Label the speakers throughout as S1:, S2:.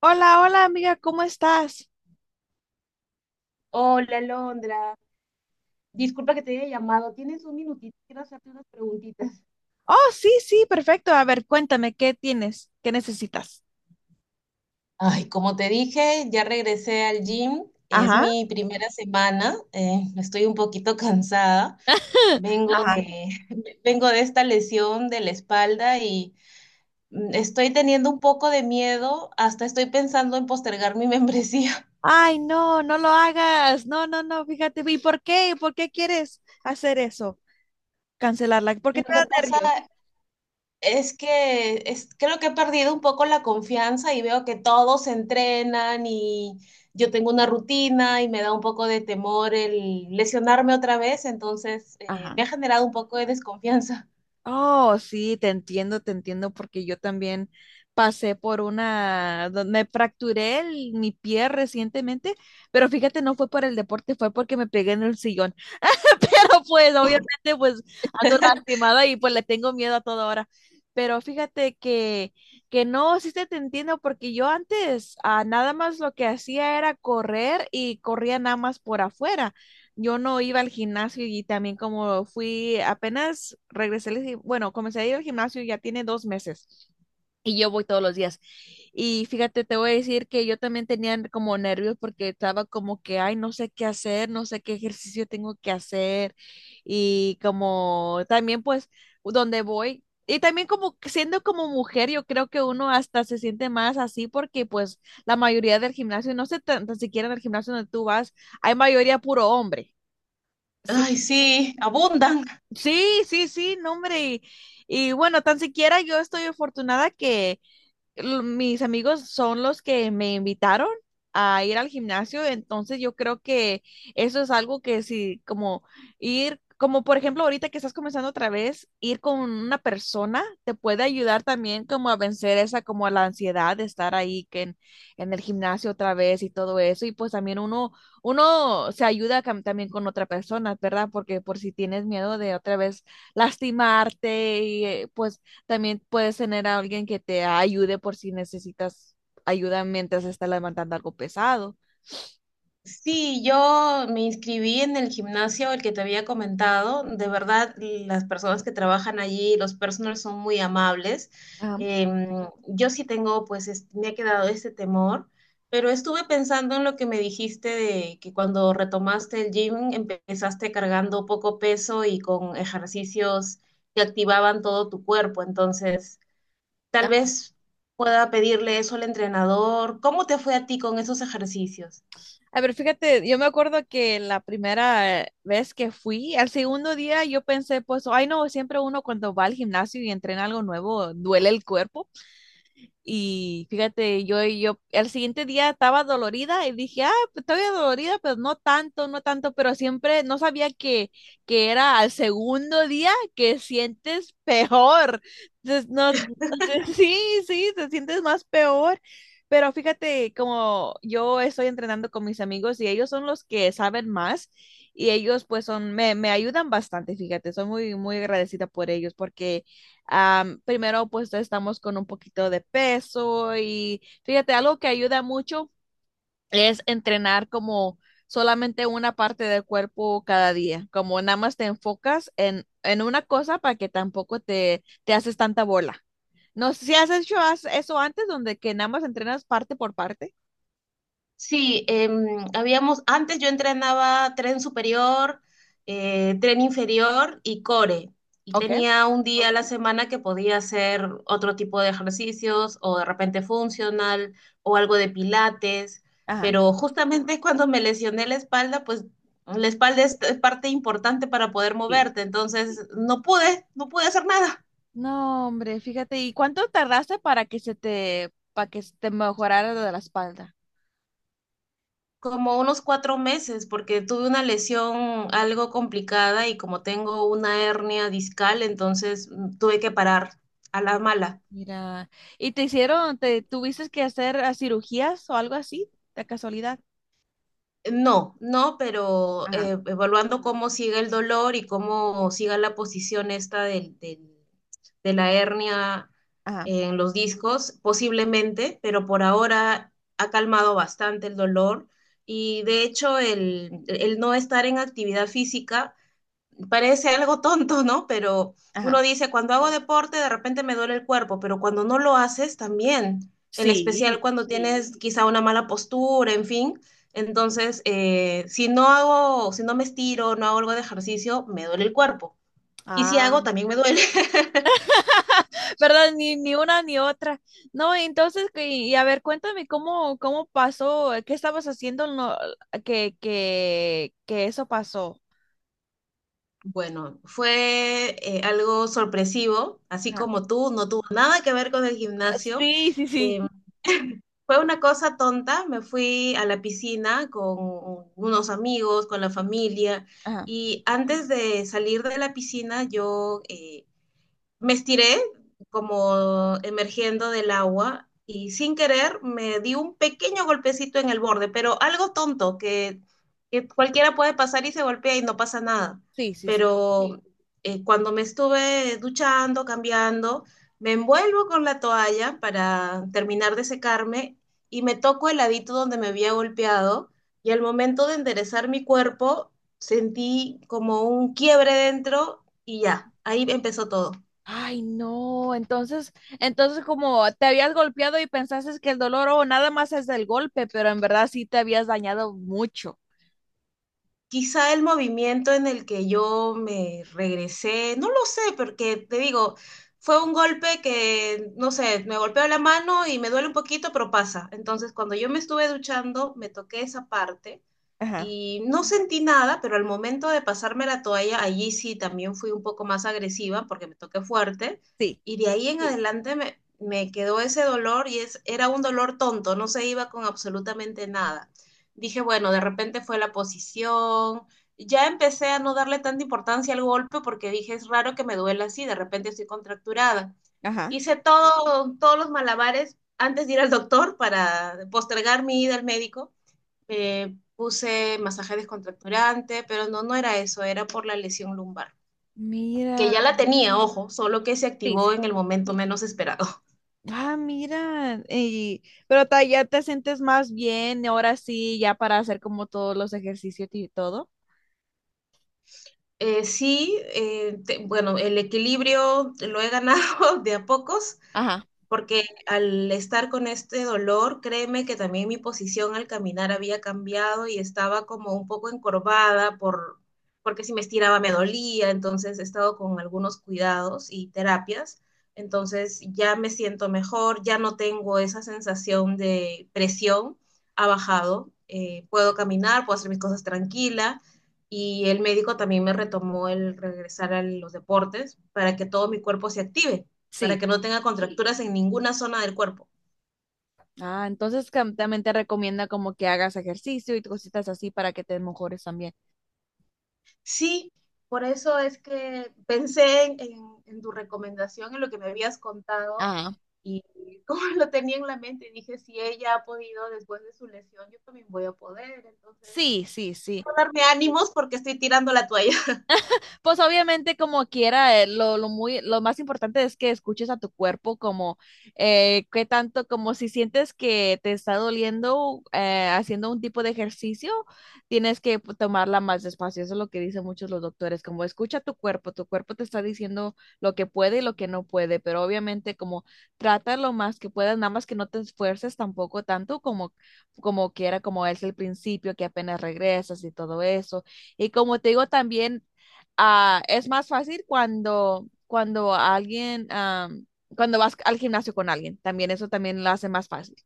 S1: Hola, hola amiga, ¿cómo estás?
S2: Hola, Alondra. Disculpa que te haya llamado. ¿Tienes un minutito? Quiero hacerte unas preguntitas.
S1: Oh, sí, sí, perfecto. A ver, cuéntame, ¿qué tienes? ¿Qué necesitas?
S2: Ay, como te dije, ya regresé al gym. Es
S1: Ajá.
S2: mi primera semana. Estoy un poquito cansada. Vengo de, vengo de esta lesión de la espalda y estoy teniendo un poco de miedo. Hasta estoy pensando en postergar mi membresía.
S1: Ay, no, no lo hagas. No, no, no, fíjate. ¿Y por qué? ¿Por qué quieres hacer eso? Cancelarla. ¿Por
S2: Lo
S1: qué te
S2: que
S1: da
S2: pasa
S1: nervios?
S2: Es que es, creo que he perdido un poco la confianza y veo que todos entrenan y yo tengo una rutina y me da un poco de temor el lesionarme otra vez, entonces
S1: Ajá.
S2: me ha generado un poco de desconfianza.
S1: Oh, sí, te entiendo, porque yo también pasé por una, me fracturé mi pie recientemente, pero fíjate, no fue por el deporte, fue porque me pegué en el sillón. Pero pues, obviamente, pues ando lastimada y pues le tengo miedo a toda hora. Pero fíjate que no, sí te entiendo, porque yo antes nada más lo que hacía era correr y corría nada más por afuera, yo no iba al gimnasio y también como fui apenas regresé, bueno, comencé a ir al gimnasio ya tiene dos meses y yo voy todos los días. Y fíjate, te voy a decir que yo también tenía como nervios porque estaba como que, ay, no sé qué hacer, no sé qué ejercicio tengo que hacer y como también pues donde voy. Y también como que siendo como mujer, yo creo que uno hasta se siente más así porque pues la mayoría del gimnasio, no sé tan, tan siquiera en el gimnasio donde tú vas, hay mayoría puro hombre. Sí,
S2: Ay, sí, abundan.
S1: sí, sí, sí, no, hombre. Y bueno, tan siquiera yo estoy afortunada que mis amigos son los que me invitaron a ir al gimnasio, entonces yo creo que eso es algo que sí, como ir, como por ejemplo ahorita que estás comenzando otra vez, ir con una persona te puede ayudar también como a vencer esa, como la ansiedad de estar ahí en el gimnasio otra vez y todo eso, y pues también uno se ayuda también con otra persona, ¿verdad? Porque por si tienes miedo de otra vez lastimarte y pues también puedes tener a alguien que te ayude por si necesitas ayuda mientras estás levantando algo pesado.
S2: Sí, yo me inscribí en el gimnasio, el que te había comentado. De verdad, las personas que trabajan allí, los personal son muy amables.
S1: Ajá.
S2: Yo sí tengo, pues, me ha quedado ese temor, pero estuve pensando en lo que me dijiste de que cuando retomaste el gym empezaste cargando poco peso y con ejercicios que activaban todo tu cuerpo. Entonces, tal
S1: Ajá.
S2: vez pueda pedirle eso al entrenador. ¿Cómo te fue a ti con esos ejercicios?
S1: A ver, fíjate, yo me acuerdo que la primera vez que fui, al segundo día yo pensé, pues, ay no, siempre uno cuando va al gimnasio y entrena algo nuevo, duele el cuerpo. Y fíjate, yo el siguiente día estaba dolorida y dije, ah, pues, todavía dolorida, pero no tanto, no tanto, pero siempre no sabía que era al segundo día que sientes peor. Entonces, no, sí, sí, te sientes más peor. Pero fíjate, como yo estoy entrenando con mis amigos y ellos son los que saben más y ellos pues son, me ayudan bastante, fíjate, soy muy, muy agradecida por ellos porque primero, pues estamos con un poquito de peso y fíjate, algo que ayuda mucho es entrenar como solamente una parte del cuerpo cada día, como nada más te enfocas en una cosa para que tampoco te haces tanta bola. No sé si has hecho eso antes, donde que nada más entrenas parte por parte.
S2: Sí, antes yo entrenaba tren superior, tren inferior y core. Y
S1: Ok.
S2: tenía un día a la semana que podía hacer otro tipo de ejercicios o de repente funcional o algo de pilates.
S1: Ajá.
S2: Pero justamente cuando me lesioné la espalda, pues la espalda es parte importante para poder
S1: Sí.
S2: moverte. Entonces no pude hacer nada.
S1: No, hombre, fíjate, ¿y cuánto tardaste para que se te, para que se te mejorara de la espalda?
S2: Como unos 4 meses, porque tuve una lesión algo complicada y como tengo una hernia discal, entonces tuve que parar a la mala.
S1: Mira, ¿y te hicieron, te tuviste que hacer cirugías o algo así, de casualidad?
S2: No, no, pero
S1: Ajá,
S2: evaluando cómo sigue el dolor y cómo siga la posición esta de la hernia
S1: ajá,
S2: en los discos, posiblemente, pero por ahora ha calmado bastante el dolor. Y de hecho el no estar en actividad física parece algo tonto, ¿no? Pero
S1: ajá.
S2: uno dice, cuando hago deporte de repente me duele el cuerpo, pero cuando no lo haces también, en especial
S1: Sí.
S2: cuando sí tienes quizá una mala postura, en fin. Entonces, si no me estiro, no hago algo de ejercicio, me duele el cuerpo. Y si
S1: Ah.
S2: hago, también me duele.
S1: ¿Verdad? Ni, ni una ni otra. No, entonces, y a ver, cuéntame cómo, cómo pasó, qué estabas haciendo no, que eso pasó.
S2: Bueno, fue algo sorpresivo, así
S1: Ajá,
S2: como tú, no tuvo nada que ver con el gimnasio.
S1: Sí, sí,
S2: Eh,
S1: sí.
S2: fue una cosa tonta, me fui a la piscina con unos amigos, con la familia,
S1: ajá.
S2: y antes de salir de la piscina yo me estiré como emergiendo del agua y sin querer me di un pequeño golpecito en el borde, pero algo tonto que cualquiera puede pasar y se golpea y no pasa nada.
S1: Sí, sí, sí.
S2: Pero cuando me estuve duchando, cambiando, me envuelvo con la toalla para terminar de secarme y me toco el ladito donde me había golpeado, y al momento de enderezar mi cuerpo sentí como un quiebre dentro y ya, ahí empezó todo.
S1: Ay, no, entonces, entonces como te habías golpeado y pensaste que el dolor o nada más es del golpe, pero en verdad sí te habías dañado mucho.
S2: Quizá el movimiento en el que yo me regresé, no lo sé, porque te digo, fue un golpe que, no sé, me golpeó la mano y me duele un poquito, pero pasa. Entonces, cuando yo me estuve duchando, me toqué esa parte
S1: Ajá,
S2: y no sentí nada, pero al momento de pasarme la toalla, allí sí también fui un poco más agresiva porque me toqué fuerte,
S1: sí,
S2: y de ahí en sí adelante me quedó ese dolor, y era un dolor tonto, no se iba con absolutamente nada. Dije, bueno, de repente fue la posición. Ya empecé a no darle tanta importancia al golpe porque dije, es raro que me duela así, de repente estoy contracturada.
S1: ajá.
S2: Hice todo, todos los malabares antes de ir al doctor para postergar mi ida al médico. Puse masaje descontracturante, pero no, no era eso, era por la lesión lumbar, que
S1: Mira,
S2: ya la tenía, ojo, solo que se
S1: sí, sí.
S2: activó en el momento menos esperado.
S1: Ah, mira, pero ya te sientes más bien, ahora sí, ya para hacer como todos los ejercicios y todo.
S2: Bueno, el equilibrio lo he ganado de a pocos,
S1: Ajá,
S2: porque al estar con este dolor, créeme que también mi posición al caminar había cambiado y estaba como un poco encorvada por, porque si me estiraba me dolía. Entonces he estado con algunos cuidados y terapias, entonces ya me siento mejor, ya no tengo esa sensación de presión, ha bajado. Puedo caminar, puedo hacer mis cosas tranquila. Y el médico también me retomó el regresar a los deportes para que todo mi cuerpo se active,
S1: sí.
S2: para que no tenga contracturas en ninguna zona del cuerpo.
S1: Ah, entonces también te recomienda como que hagas ejercicio y cositas así para que te mejores también.
S2: Sí, por eso es que pensé en tu recomendación, en lo que me habías contado
S1: Ah,
S2: y como lo tenía en la mente, dije, si ella ha podido después de su lesión, yo también voy a poder. Entonces,
S1: Sí, sí, sí.
S2: quiero darme ánimos porque estoy tirando la toalla.
S1: pues obviamente como quiera, lo más importante es que escuches a tu cuerpo como qué tanto, como si sientes que te está doliendo haciendo un tipo de ejercicio, tienes que tomarla más despacio. Eso es lo que dicen muchos los doctores, como escucha tu cuerpo te está diciendo lo que puede y lo que no puede, pero obviamente como trata lo más que puedas, nada más que no te esfuerces tampoco tanto como, como quiera, como es el principio, que apenas regresas y todo eso. Y como te digo también, ah, es más fácil cuando, cuando alguien, cuando vas al gimnasio con alguien, también eso también lo hace más fácil.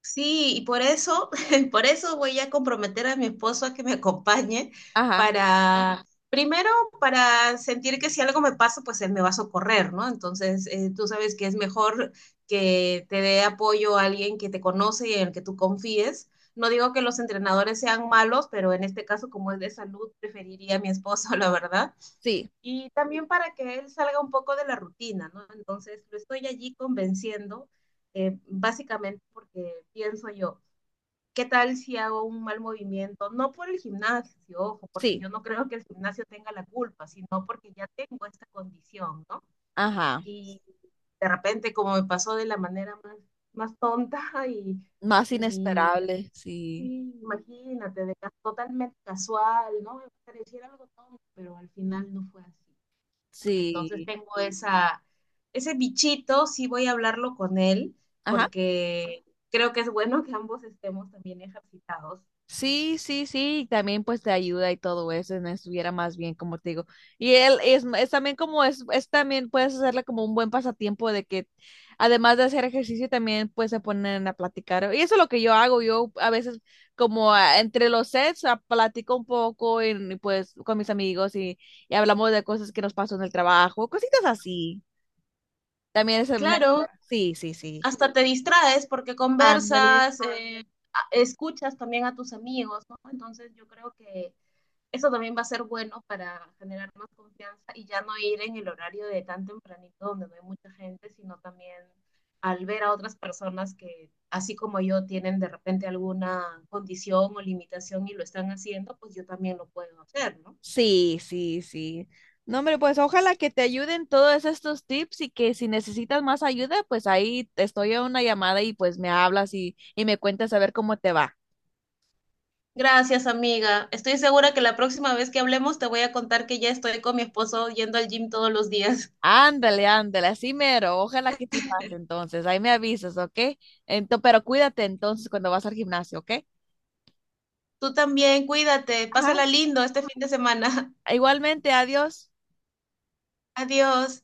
S2: Sí, y por eso, por eso voy a comprometer a mi esposo a que me acompañe,
S1: Ajá,
S2: para, primero, para sentir que si algo me pasa, pues él me va a socorrer, ¿no? Entonces, tú sabes que es mejor que te dé apoyo a alguien que te conoce y en el que tú confíes. No digo que los entrenadores sean malos, pero en este caso, como es de salud, preferiría a mi esposo, la verdad.
S1: sí,
S2: Y también para que él salga un poco de la rutina, ¿no? Entonces lo estoy allí convenciendo, básicamente porque pienso yo, ¿qué tal si hago un mal movimiento? No por el gimnasio, ojo, porque
S1: sí,
S2: yo no creo que el gimnasio tenga la culpa, sino porque ya tengo esta condición, ¿no?
S1: ajá,
S2: Y de repente, como me pasó de la manera más tonta y,
S1: más
S2: y
S1: inesperable, sí,
S2: así, imagínate, totalmente casual, ¿no? Me pareciera algo tonto, pero al final no fue así. Entonces
S1: sí,
S2: tengo esa, ese bichito, sí voy a hablarlo con él,
S1: ajá.
S2: porque creo que es bueno que ambos estemos también ejercitados.
S1: Sí, sí, sí, y también pues te ayuda y todo eso, no estuviera más bien, como te digo. Y él es también como es también puedes hacerle como un buen pasatiempo de que además de hacer ejercicio también pues se ponen a platicar. Y eso es lo que yo hago, yo a veces como entre los sets platico un poco y, pues con mis amigos y hablamos de cosas que nos pasó en el trabajo, cositas así. También es
S2: Claro,
S1: mejor. Sí, sí, sí.
S2: hasta te distraes porque
S1: Ándale.
S2: conversas, escuchas también a tus amigos, ¿no? Entonces yo creo que eso también va a ser bueno para generar más confianza y ya no ir en el horario de tan tempranito donde no hay mucha gente, sino también al ver a otras personas que, así como yo, tienen de repente alguna condición o limitación y lo están haciendo, pues yo también lo puedo hacer, ¿no?
S1: Sí, sí, sí. No, hombre, pues ojalá que te ayuden todos estos tips y que si necesitas más ayuda, pues ahí te estoy a una llamada y pues me hablas y me cuentas a ver cómo te va.
S2: Gracias, amiga. Estoy segura que la próxima vez que hablemos te voy a contar que ya estoy con mi esposo yendo al gym todos los días.
S1: Ándale, ándale, así mero. Ojalá que sí pase entonces. Ahí me avisas, ¿ok? Pero cuídate entonces cuando vas al gimnasio, ¿ok?
S2: Tú también, cuídate,
S1: Ajá.
S2: pásala lindo este fin de semana.
S1: Igualmente, adiós.
S2: Adiós.